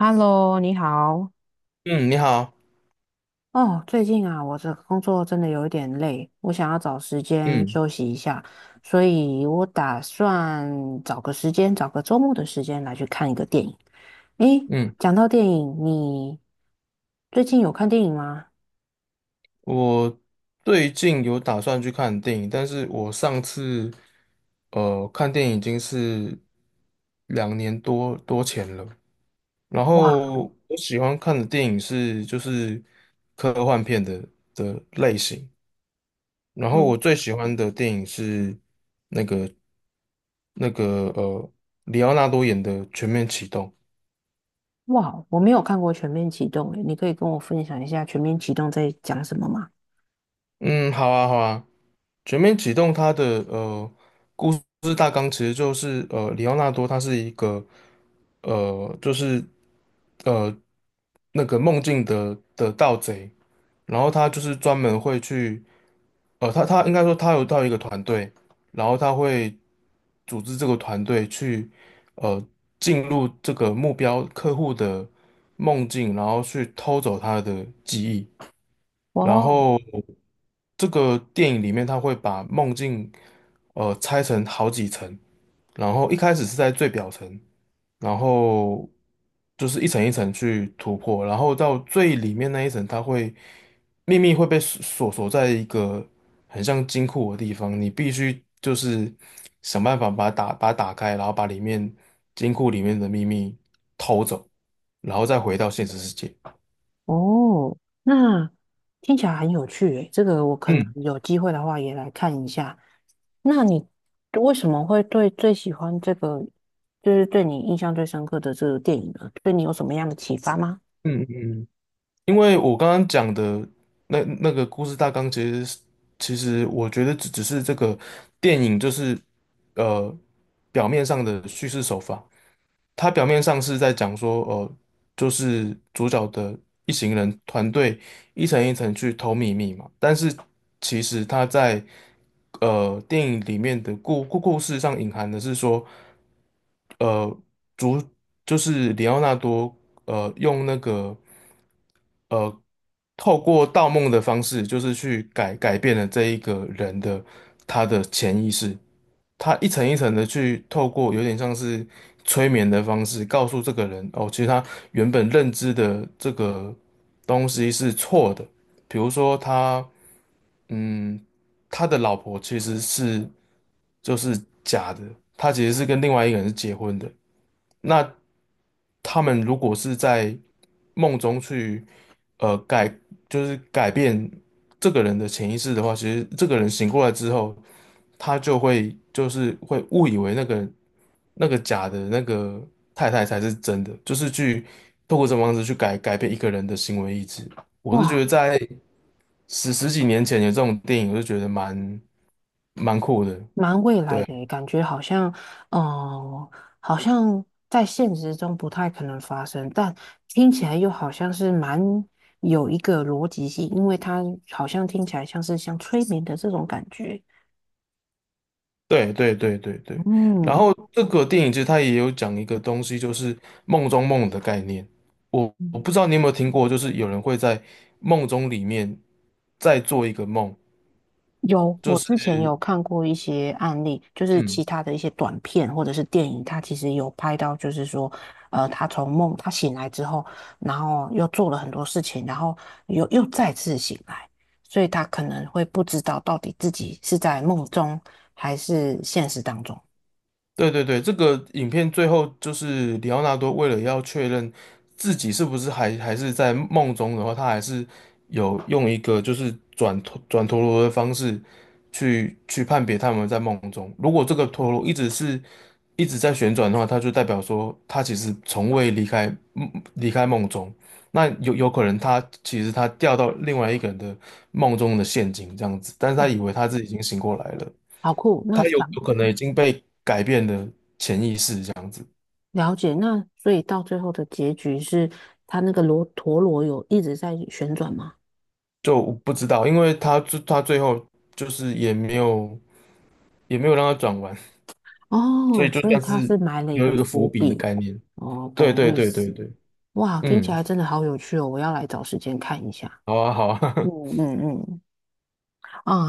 Hello，你好。嗯，你好，哦，最近啊，我这工作真的有一点累，我想要找时间嗯休息一下，所以我打算找个时间，找个周末的时间来去看一个电影。诶，嗯，讲到电影，你最近有看电影吗？我最近有打算去看电影，但是我上次看电影已经是两年多前了。然哇。后我喜欢看的电影就是科幻片的类型，然后嗯。我最喜欢的电影是那个里奥纳多演的《全面启动》。哇，我没有看过《全面启动》，诶，你可以跟我分享一下《全面启动》在讲什么吗？嗯，好啊好啊，《全面启动》呃。就是大纲其实就是里奥纳多他是一个就是呃那个梦境的盗贼，然后他就是专门会去他应该说他有到一个团队，然后他会组织这个团队去呃进入这个目标客户的梦境，然后去偷走他的记忆。然哦后这个电影里面，他会把梦境拆成好几层，然后一开始是在最表层，然后就是一层一层去突破，然后到最里面那一层，秘密会被锁在一个很像金库的地方，你必须就是想办法把它打开，然后把里面金库里面的秘密偷走，然后再回到现实世界。哦，那听起来很有趣诶，这个我可能嗯有机会的话也来看一下。那你为什么会对最喜欢这个，就是对你印象最深刻的这个电影呢？对你有什么样的启发吗？嗯嗯嗯。因为我刚刚讲的那个故事大纲，其实我觉得只是这个电影就是呃表面上的叙事手法，它表面上是在讲说就是主角的一行人团队一层一层去偷秘密嘛，但是其实它在电影里面的故事上隐含的是说呃主就是里奥纳多用那个。呃，透过盗梦的方式，就是去改变了这一个人的他的潜意识，他一层一层的去透过有点像是催眠的方式，告诉这个人哦，其实他原本认知的这个东西是错的，比如说他，嗯，他的老婆其实就是假的，他其实是跟另外一个人是结婚的。那他们如果是在梦中去，呃，改，就是改变这个人的潜意识的话，其实这个人醒过来之后，他就是会误以为那个假的那个太太才是真的，就是去透过这种方式去改变一个人的行为意志。我是觉哇，得在十几年前有这种电影，我就觉得蛮酷的。蛮未来对的耶感觉好像。哦，好像在现实中不太可能发生，但听起来又好像是蛮有一个逻辑性，因为它好像听起来像是像催眠的这种感觉。对对对对对，然嗯。后这个电影其实它也有讲一个东西，就是梦中梦的概念。我不知道你有没有听过，就是有人会在梦中里面再做一个梦，有，我之前有看过一些案例，就是其嗯，他的一些短片或者是电影，它其实有拍到，就是说，他从梦他醒来之后，然后又做了很多事情，然后又再次醒来，所以他可能会不知道到底自己是在梦中还是现实当中。对对对，这个影片最后就是里奥纳多为了要确认自己是不是还是在梦中的话，他还是有用一个就是转陀螺的方式去判别他们在梦中。如果这个陀螺一直在旋转的话，它就代表说他其实从未离开离开梦中。那有可能他其实他掉到另外一个人的梦中的陷阱这样子，但是他以为他自己已经醒过来了。好酷，那他有想有可能已经被改变了。了解，那所以到最后的结局是，他那个罗陀螺有一直在旋转吗？就我不知道，因为他最后就是也没有让他转完，所哦，以就所以算他是是埋了一有个一个伏伏笔的笔。概念。哦，对懂对意对对思。对，哇，听起嗯，来真的好有趣哦，我要来找时间看一下。好啊好啊，嗯嗯嗯。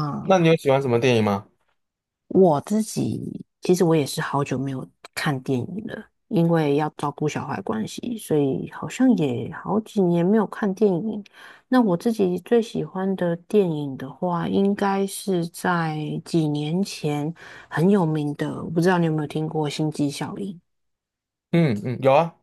那你有喜欢什么电影吗？我自己其实我也是好久没有看电影了，因为要照顾小孩关系，所以好像也好几年没有看电影。那我自己最喜欢的电影的话，应该是在几年前很有名的，我不知道你有没有听过《星际效应》。嗯嗯，有啊，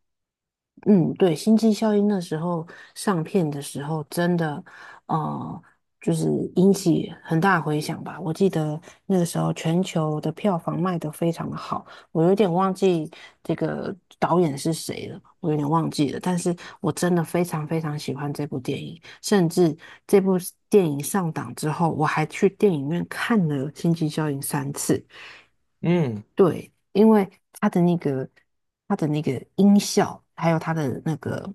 嗯，对，《星际效应》那时候上片的时候，真的，呃，就是引起很大回响吧。我记得那个时候全球的票房卖得非常的好，我有点忘记这个导演是谁了，我有点忘记了。但是我真的非常非常喜欢这部电影，甚至这部电影上档之后，我还去电影院看了《星际效应》三次。嗯对，因为它的那个它的那个音效，还有它的那个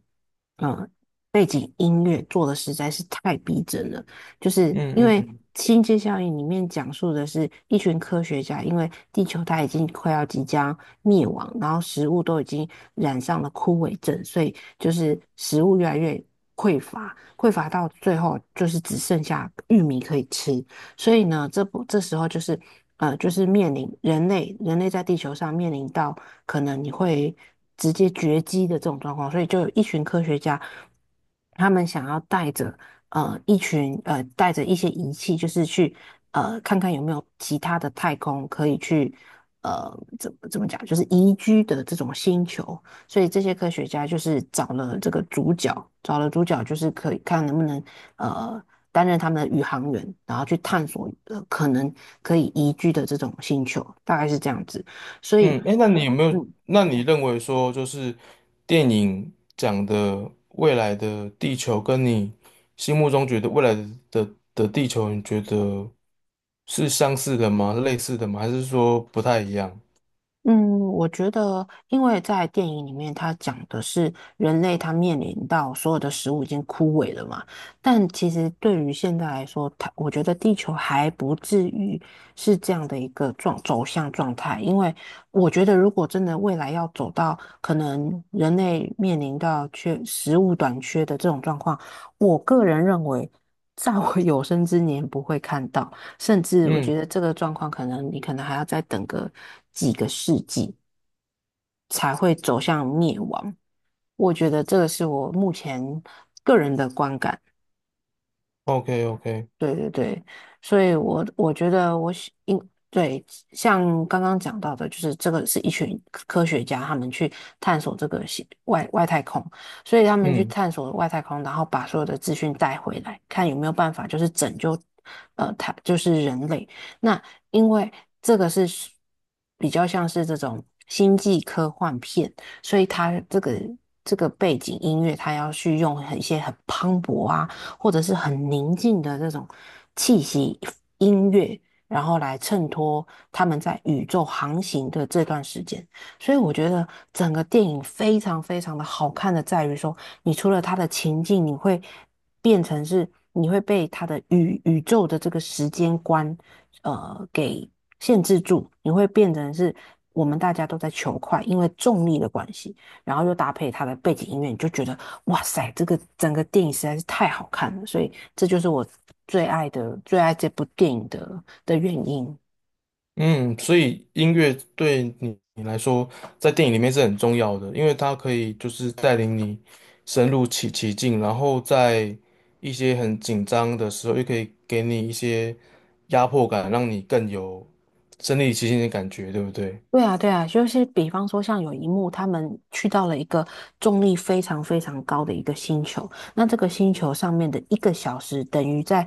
嗯背景音乐做的实在是太逼真了。就是嗯因嗯为嗯《星际效应》里面讲述的是一群科学家，因为地球它已经快要即将灭亡，然后食物都已经染上了枯萎症，所以就是食物越来越匮乏，匮乏到最后就是只剩下玉米可以吃。所以呢，这不这时候就是就是面临人类在地球上面临到可能你会直接绝迹的这种状况，所以就有一群科学家，他们想要带着呃一群呃带着一些仪器，就是去看看有没有其他的太空可以去呃怎么讲，就是宜居的这种星球。所以这些科学家就是找了这个主角，找了主角就是可以看能不能呃担任他们的宇航员，然后去探索呃可能可以宜居的这种星球，大概是这样子。所以。嗯，哎，那你有没有？嗯那你认为说就是电影讲的未来的地球，跟你心目中觉得未来的地球，你觉得是相似的吗？类似的吗？还是说不太一样？嗯，我觉得，因为在电影里面，它讲的是人类他面临到所有的食物已经枯萎了嘛，但其实对于现在来说，它我觉得地球还不至于是这样的一个走向状态，因为我觉得如果真的未来要走到可能人类面临到缺食物短缺的这种状况，我个人认为，在我有生之年不会看到。甚至我觉嗯得这个状况可能你可能还要再等个几个世纪才会走向灭亡。我觉得这个是我目前个人的观感。，OK OK，对对对，所以我觉得我喜应对。像刚刚讲到的，就是这个是一群科学家他们去探索这个系外太空，所以他们去嗯探索外太空，然后把所有的资讯带回来，看有没有办法就是拯救他就是人类。那因为这个是比较像是这种星际科幻片，所以它这个背景音乐，它要去用很一些很磅礴啊。或者是很宁静的这种气息音乐，然后来衬托他们在宇宙航行的这段时间。所以我觉得整个电影非常非常的好看的在于说，你除了它的情境，你会变成是你会被它的宇宙的这个时间观，给限制住，你会变成是我们大家都在求快，因为重力的关系。然后又搭配它的背景音乐，你就觉得哇塞，这个整个电影实在是太好看了，所以这就是我最爱这部电影的原因。嗯，所以音乐对你来说，在电影里面是很重要的，因为它可以就是带领你深入其境，然后在一些很紧张的时候，又可以给你一些压迫感，让你更有身临其境的感觉，对不对？对啊，对啊，就是比方说，像有一幕，他们去到了一个重力非常非常高的一个星球，那这个星球上面的一个小时等于在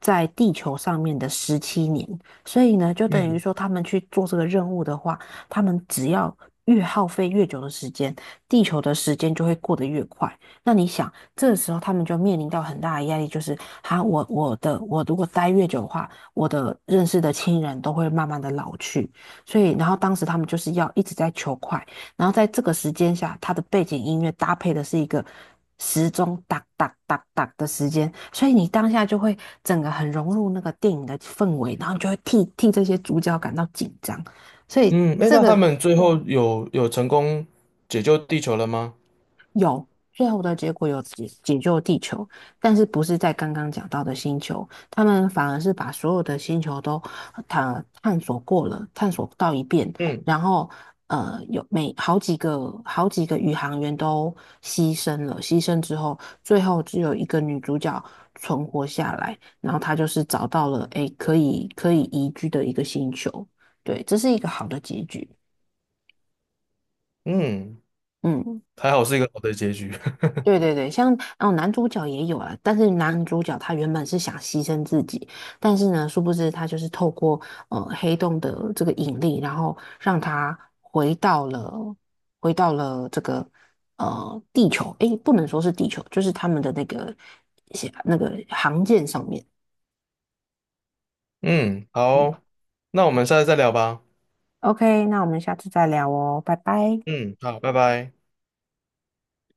在地球上面的17年，所以呢，就等于嗯说他们去做这个任务的话，他们只要越耗费越久的时间，地球的时间就会过得越快。那你想，这个时候他们就面临到很大的压力，就是哈，我如果待越久的话，我的认识的亲人都会慢慢的老去。所以然后当时他们就是要一直在求快，然后在这个时间下，它的背景音乐搭配的是一个时钟哒哒哒哒的时间，所以你当下就会整个很融入那个电影的氛围，然后你就会替这些主角感到紧张，所以嗯，哎，这那他个们最后有成功解救地球了吗？最后的结果有解救地球，但是不是在刚刚讲到的星球，他们反而是把所有的星球都探索过了，探索到一遍，嗯然后呃有每好几个好几个宇航员都牺牲了，牺牲之后，最后只有一个女主角存活下来，然后她就是找到了诶可以宜居的一个星球，对，这是一个好的结局，嗯，嗯。还好是一个好的结局。对对对，像哦，男主角也有啊，但是男主角他原本是想牺牲自己，但是呢，殊不知他就是透过黑洞的这个引力，然后让他回到了这个地球，诶，不能说是地球，就是他们的那个航舰上面。嗯，嗯好，那我们下次再聊吧。，OK，那我们下次再聊哦，拜拜。嗯，好，拜拜。